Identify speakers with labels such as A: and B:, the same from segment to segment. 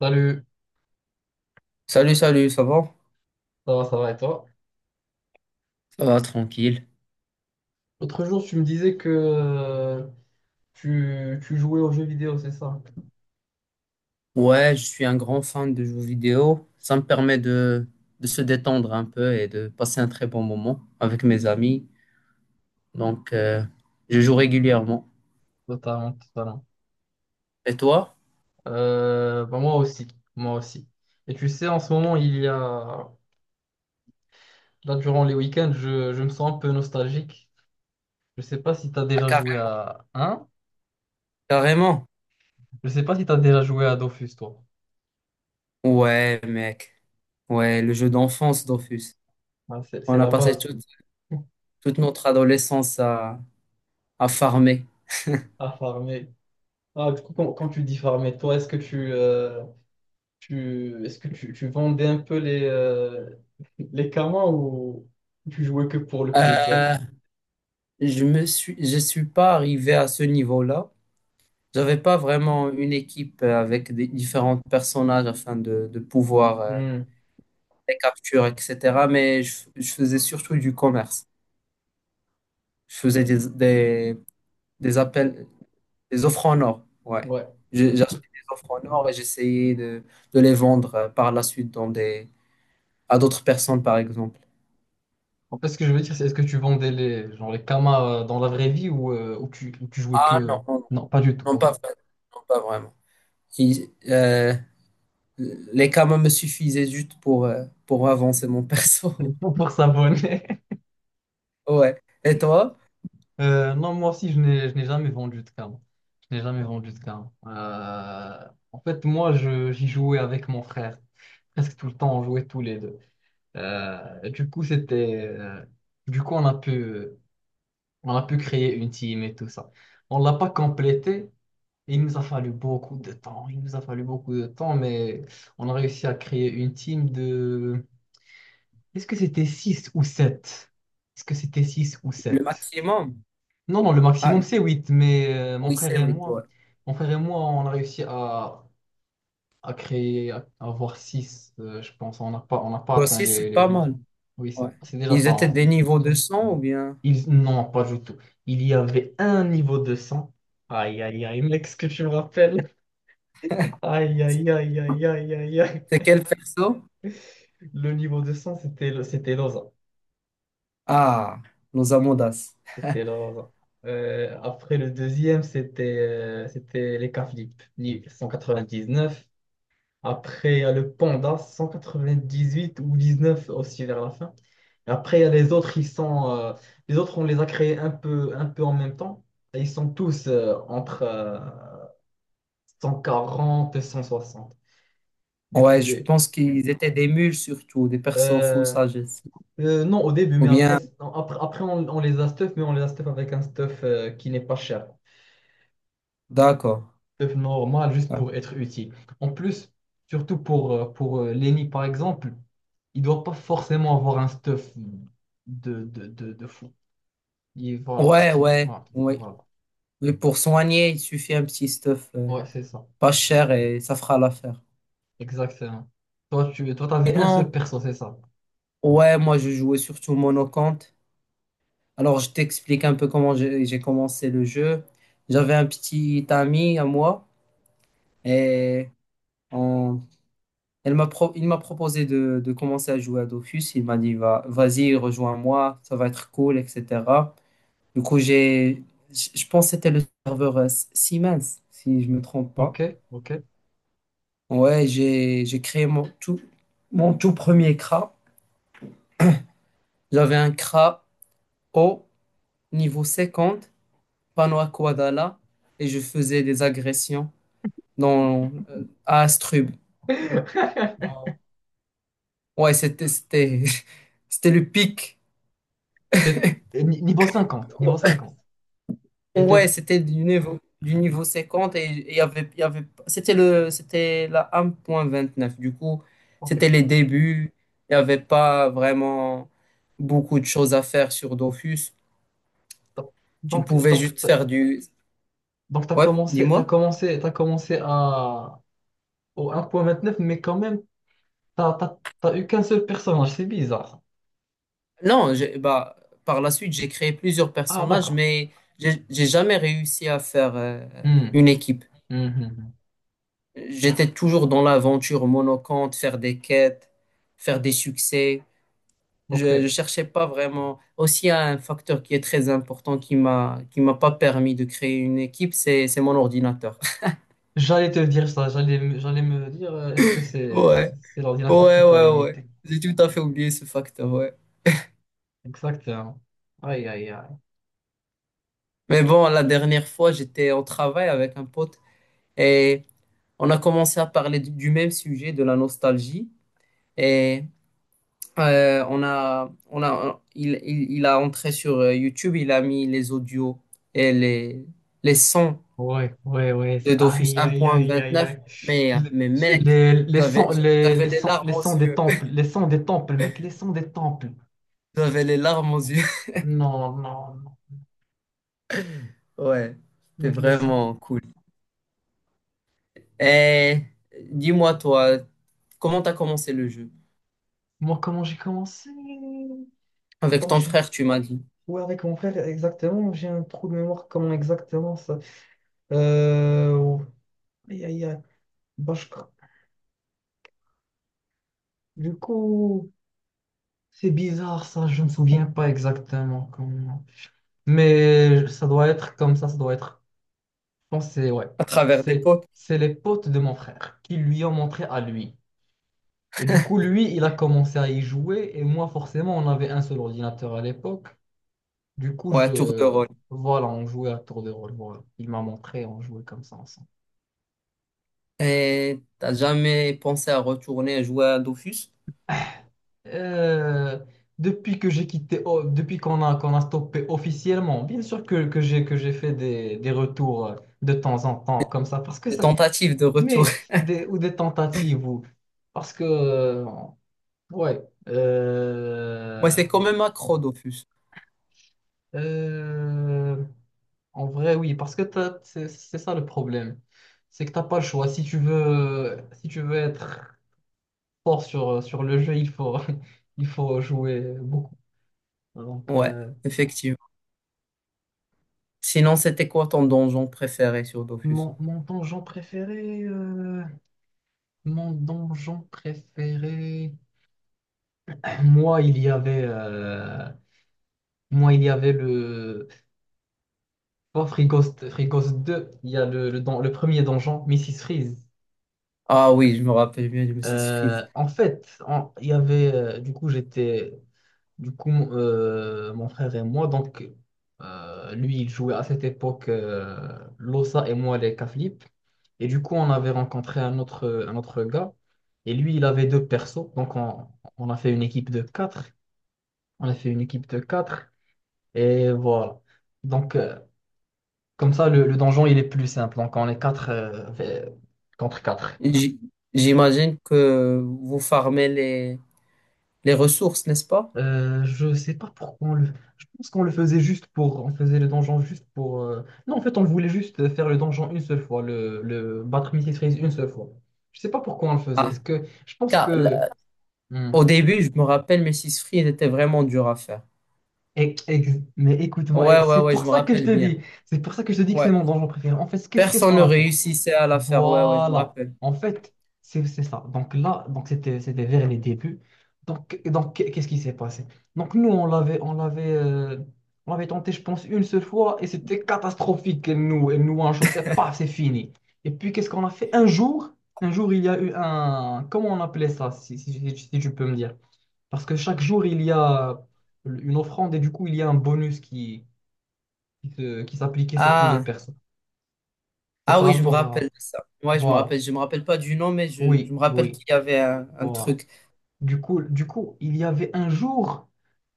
A: Salut,
B: Salut, salut, ça va?
A: ça va et toi?
B: Ça va, tranquille.
A: L'autre jour, tu me disais que tu jouais aux jeux vidéo, c'est ça?
B: Ouais, je suis un grand fan de jeux vidéo. Ça me permet de se détendre un peu et de passer un très bon moment avec mes amis. Donc, je joue régulièrement.
A: Totalement, totalement.
B: Et toi?
A: Bah, moi aussi, moi aussi. Et tu sais, en ce moment, il y a... Là, durant les week-ends, je me sens un peu nostalgique. Je sais pas si tu as
B: Ah,
A: déjà joué
B: carré-
A: à... Hein?
B: carrément.
A: Je sais pas si tu as déjà joué à Dofus, toi.
B: Ouais, mec. Ouais, le jeu d'enfance Dofus.
A: Ah, c'est
B: On a
A: la
B: passé
A: base.
B: toute, toute notre adolescence à farmer.
A: À farmer. Ah, du coup, quand tu dis farmer, toi, est-ce que tu, est-ce que tu vendais un peu les karmas ou tu jouais que pour le plaisir?
B: Euh, je suis pas arrivé à ce niveau-là. J'avais pas vraiment une équipe avec des différents personnages de pouvoir
A: Hmm,
B: les capturer, etc. Mais je faisais surtout du commerce. Je faisais des appels, des offres en or. Ouais.
A: ouais.
B: J'achetais des offres en or et j'essayais de les vendre par la suite à d'autres personnes, par exemple.
A: En fait, ce que je veux dire, c'est est-ce que tu vendais les, genre les karmas dans la vraie vie ou tu jouais
B: Ah,
A: que...
B: non, non,
A: Non, pas du tout,
B: non, non,
A: ok.
B: pas vraiment. Non, pas vraiment. Il- euh, les kamas me suffisaient juste pour avancer mon perso.
A: Pour s'abonner.
B: Ouais. Et toi?
A: Non, moi aussi, je n'ai jamais vendu de karma. Je n'ai jamais vendu de karma. En fait, moi, j'y jouais avec mon frère. Presque tout le temps, on jouait tous les deux. Du coup, c'était... du coup, on a pu... On a pu créer une team et tout ça. On l'a pas complété. Il nous a fallu beaucoup de temps. Il nous a fallu beaucoup de temps, mais on a réussi à créer une team de... Est-ce que c'était 6 ou sept? Est-ce que c'était 6 ou
B: Le
A: sept?
B: maximum?
A: Non, non, le
B: Ah,
A: maximum c'est 8. Mais mon
B: oui,
A: frère
B: c'est
A: et
B: oui, ouais.
A: moi, mon frère et moi, on a réussi à créer, à avoir 6, je pense. On n'a pas
B: Bah,
A: atteint
B: aussi,
A: les,
B: c'est
A: les
B: pas
A: 8.
B: mal.
A: Oui, c'est
B: Ouais.
A: c'est déjà
B: Ils
A: pas
B: étaient
A: mal.
B: des niveaux de son ou bien?
A: Non, pas du tout. Il y avait un niveau de sang. Aïe, aïe, aïe, mec, ce que tu me rappelles. Aïe, aïe, aïe, aïe, aïe, aïe,
B: C'est
A: aïe.
B: quel perso?
A: Le niveau de sang, c'était c'était Loza.
B: Ah, nos Amondas.
A: C'était Loza. Après le deuxième, c'était c'était les Caflip, neuf. Après, il y a le Panda, 198 ou 19 aussi vers la fin. Et après, il y a les autres, ils sont, les autres, on les a créés un peu en même temps. Et ils sont tous entre, 140 et 160. Du coup,
B: Ouais, je
A: les.
B: pense qu'ils étaient des mules surtout, des persos full
A: Euh,
B: sagesse.
A: non, au début,
B: Ou
A: mais après,
B: bien,
A: non, après on les a stuff, mais on les a stuff avec un stuff qui n'est pas cher.
B: d'accord.
A: Stuff normal, juste
B: D'accord.
A: pour être utile. En plus, surtout pour, euh, pour Lenny, par exemple, il doit pas forcément avoir un stuff de fou. Il, voilà, parce
B: Ouais,
A: qu'il.
B: ouais,
A: Voilà,
B: oui.
A: voilà.
B: Mais pour soigner, il suffit un petit stuff
A: Ouais, c'est ça.
B: pas cher et ça fera l'affaire.
A: Exactement. Toi, tu toi, t'avais un seul
B: Sinon,
A: perso, c'est ça.
B: ouais, moi je jouais surtout monocante. Alors, je t'explique un peu comment j'ai commencé le jeu. J'avais un petit ami à moi et on- il m'a proposé de commencer à jouer à Dofus. Il m'a dit, va, vas-y, rejoins-moi, ça va être cool, etc. Du coup, je pense que c'était le serveur Siemens, si je me trompe pas.
A: Ok, ok.
B: Ouais, j'ai créé mon tout premier CRA. J'avais un CRA haut, niveau 50, Panoa Koadala, et je faisais des agressions dans, à Astrub. Non. Ouais, c'était, c'était, c'était le pic.
A: T'es- Niveau 50, niveau 50. Et
B: Ouais, c'était du niveau 50 et il y avait, c'était la 1.29. Du coup,
A: ok.
B: c'était les débuts. Il n'y avait pas vraiment beaucoup de choses à faire sur Dofus. Tu
A: Donc,
B: pouvais
A: donc,
B: juste
A: t'as-
B: faire du,
A: donc t'as
B: ouais,
A: commencé, t'as
B: dis-moi.
A: commencé, t'as commencé au 1.29 mais quand même, t'as eu qu'un seul personnage, c'est bizarre.
B: Non, j'ai- Bah, par la suite, j'ai créé plusieurs
A: Ah,
B: personnages,
A: d'accord.
B: mais j'ai jamais réussi à faire
A: Hmm,
B: une équipe.
A: hmm, hmm, hmm.
B: J'étais toujours dans l'aventure monocante, faire des quêtes, faire des succès. Je
A: Ok.
B: ne cherchais pas vraiment. Aussi, il y a un facteur qui est très important qui m'a pas permis de créer une équipe, c'est mon ordinateur.
A: J'allais te dire ça, j'allais me dire, est-ce que c'est
B: Ouais,
A: c'est l'ordinateur
B: ouais,
A: qui t'a
B: ouais, ouais.
A: limité?
B: J'ai tout à fait oublié ce facteur, ouais.
A: Exactement. Aïe, aïe, aïe.
B: Mais bon, la dernière fois, j'étais au travail avec un pote et on a commencé à parler du même sujet, de la nostalgie. Et on a, il a entré sur YouTube, il a mis les audios et les sons
A: Ouais, ouais, ouais.
B: de Dofus
A: Aïe, aïe, aïe, aïe,
B: 1.29.
A: aïe. Le-
B: Mais mec,
A: Les, les,
B: j'avais,
A: sons, les,
B: j'avais
A: les,
B: les
A: sons,
B: larmes
A: les
B: aux
A: sons des
B: yeux.
A: temples, les sons des temples, mec, les sons des temples.
B: J'avais les larmes aux yeux.
A: Non, non, non,
B: Ouais, c'était
A: mec, les sons.
B: vraiment cool. Et dis-moi, toi, comment t'as commencé le jeu?
A: Moi, comment j'ai commencé?
B: Avec
A: Attends,
B: ton
A: j'ai...
B: frère, tu m'as dit.
A: Ouais, avec mon frère, exactement, j'ai un trou de mémoire, comment exactement ça? Euh... Aïe, aïe, aïe. Bah, Du coup... C'est bizarre ça, je ne me souviens pas exactement comment. Mais ça doit être comme ça doit être. Je pense que c'est ouais.
B: À travers des
A: C'est
B: potes?
A: c'est les potes de mon frère qui lui ont montré à lui. Et du coup, lui, il a commencé à y jouer. Et moi, forcément, on avait un seul ordinateur à l'époque. Du coup, je
B: Ouais, tour de rôle.
A: voilà, on jouait à tour de rôle. Voilà. Il m'a montré, on jouait comme ça ensemble.
B: Et t'as jamais pensé à retourner jouer à Dofus?
A: Euh, Depuis que j'ai quitté, oh, depuis qu'on a stoppé officiellement, bien sûr que, que j'ai fait des retours de temps en temps comme ça, parce que
B: Des
A: ça,
B: tentatives de retour.
A: mais des, ou des tentatives, ou parce que, ouais,
B: Ouais,
A: euh,
B: c'est quand même accro Dofus.
A: euh, en vrai, oui, parce que c'est ça le problème, c'est que t'as pas le choix. Si tu veux être fort sur le jeu, il faut, il faut jouer beaucoup. Donc,
B: Ouais, effectivement. Sinon, c'était quoi ton donjon préféré sur Dofus?
A: mon donjon préféré, mon donjon préféré. Moi, il y avait, le oh, Free Ghost, Free Ghost 2. Il y a le premier donjon, Mrs. Freeze.
B: Ah oui, je me rappelle bien du Mrs. Freeze.
A: En fait, il y avait, du coup, j'étais. Du coup, mon frère et moi, donc, lui, il jouait à cette époque l'Ossa et moi les Caflip. Et du coup, on avait rencontré un autre gars. Et lui, il avait deux persos. Donc, on a fait une équipe de quatre. On a fait une équipe de quatre. Et voilà. Donc, comme ça, le donjon, il est plus simple. Donc, on est quatre contre quatre.
B: J- J'imagine que vous farmez les ressources, n'est-ce pas?
A: Je sais pas pourquoi on le... Je pense qu'on le faisait juste pour... On faisait le donjon juste pour... Non, en fait, on voulait juste faire le donjon une seule fois, le battre Mrs. Freeze une seule fois. Je sais pas pourquoi on le faisait.
B: Ah,
A: Est-ce que... Je pense
B: car
A: que...
B: là,
A: Hmm.
B: au début, je me rappelle, Mrs. Freeze était vraiment dur à faire.
A: Eh, mais écoute-moi,
B: Ouais,
A: eh,
B: ouais,
A: c'est
B: ouais, je
A: pour
B: me
A: ça que je
B: rappelle
A: te
B: bien.
A: dis. C'est pour ça que je te dis que c'est
B: Ouais.
A: mon donjon préféré. En fait, qu'est-ce
B: Personne ne
A: qu'on a fait?
B: réussissait à la faire. Ouais, ouais, je me
A: Voilà.
B: rappelle.
A: En fait, c'est ça. Donc là, c'était vers les débuts. Donc qu'est- ce qui s'est passé? Donc nous on l'avait tenté je pense une seule fois et c'était catastrophique. Elle nous shotait pas c'est fini. Et puis qu'est-ce qu'on a fait? Un jour il y a eu un comment on appelait ça? Si tu peux me dire. Parce que chaque jour il y a une offrande et du coup il y a un bonus qui s'appliquait sur tous les
B: Ah,
A: personnes. C'est
B: ah
A: par
B: oui, je me
A: rapport
B: rappelle
A: à
B: de ça. Ouais, je me
A: voilà.
B: rappelle. Je me rappelle pas du nom, mais je
A: Oui,
B: me rappelle
A: oui.
B: qu'il y avait un
A: Voilà.
B: truc.
A: Du coup, il y avait un jour,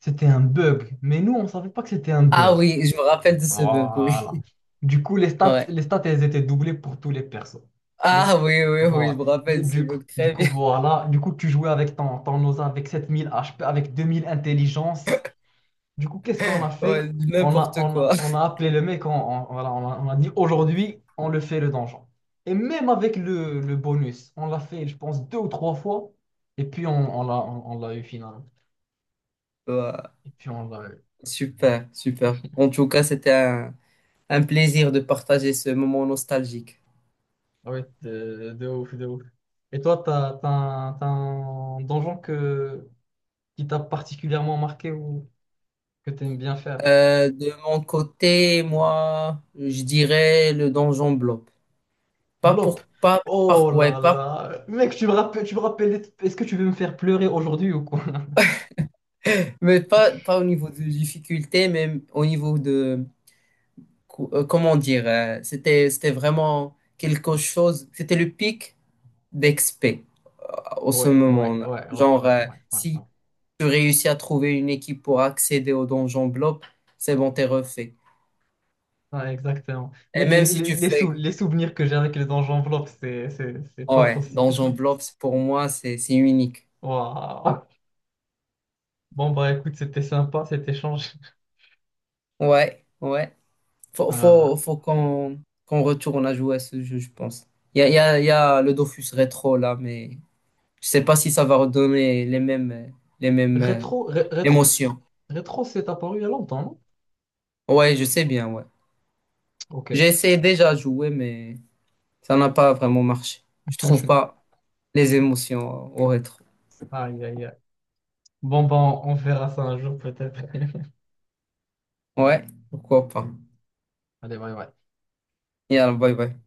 A: c'était un bug, mais nous, on ne savait pas que c'était un
B: Ah
A: bug.
B: oui, je me rappelle de ce bug, oui.
A: Voilà. Du coup,
B: Ouais.
A: les stats, elles étaient doublées pour tous les persos. Les...
B: Ah, oui, je
A: Voilà.
B: me rappelle de ce
A: Du coup,
B: bug
A: du
B: très
A: coup,
B: bien.
A: voilà. Du coup, tu jouais avec ton Osa avec 7 000 HP, avec 2000 intelligence. Du coup, qu'est-ce qu'on a
B: Ouais,
A: fait? On a,
B: n'importe
A: on
B: quoi.
A: a, on a appelé le mec, voilà, on a dit aujourd'hui, on le fait le donjon. Et même avec le bonus, on l'a fait, je pense, deux ou trois fois. Et puis, on, on l'a eu finalement.
B: Ouais.
A: Et puis, on l'a eu.
B: Super, super. En tout cas, c'était un plaisir de partager ce moment nostalgique.
A: Ah ouais, de ouf, de ouf. Et toi, t'as un donjon que, qui t'a particulièrement marqué ou que t'aimes bien faire?
B: De mon côté, moi, je dirais le donjon blob. Pas
A: Blop.
B: pour, pas,
A: Oh
B: par- ouais,
A: là
B: pas,
A: là. Mec, tu me rappelles, est-ce que tu veux me faire pleurer aujourd'hui ou quoi?
B: mais pas, pas au niveau de difficulté, mais au niveau de, comment dire, c'était vraiment quelque chose. C'était le pic d'expé au ce
A: Ouais, ouais,
B: moment-là.
A: ouais, ouais, ouais,
B: Genre,
A: ouais, ouais,
B: si
A: ouais.
B: tu réussis à trouver une équipe pour accéder au Donjon Blob, c'est bon, t'es refait.
A: Ouais, exactement.
B: Et
A: Mec,
B: même si tu fais...
A: les souvenirs que j'ai avec les anges enveloppes, c'est pas
B: Ouais,
A: possible.
B: Donjon Blob, pour moi, c'est unique.
A: Waouh. Bon, bah écoute, c'était sympa cet échange.
B: Ouais, ouais.
A: Euh,
B: Faut qu'on retourne à jouer à ce jeu, je pense. Il y a le Dofus rétro, là, mais je sais pas si ça va redonner les mêmes
A: rétro, ré- rétro, c-
B: émotions.
A: Rétro, c'est apparu il y a longtemps, non?
B: Ouais, je sais bien, ouais.
A: Ok.
B: J'ai essayé déjà à jouer, mais... Ça n'a pas vraiment marché. Je trouve pas les émotions au rétro.
A: Aïe, aïe, aïe. Bon, bah on verra ça un jour peut-être.
B: Ouais, pourquoi pas.
A: Allez, bye, bye.
B: Et alors, bye bye.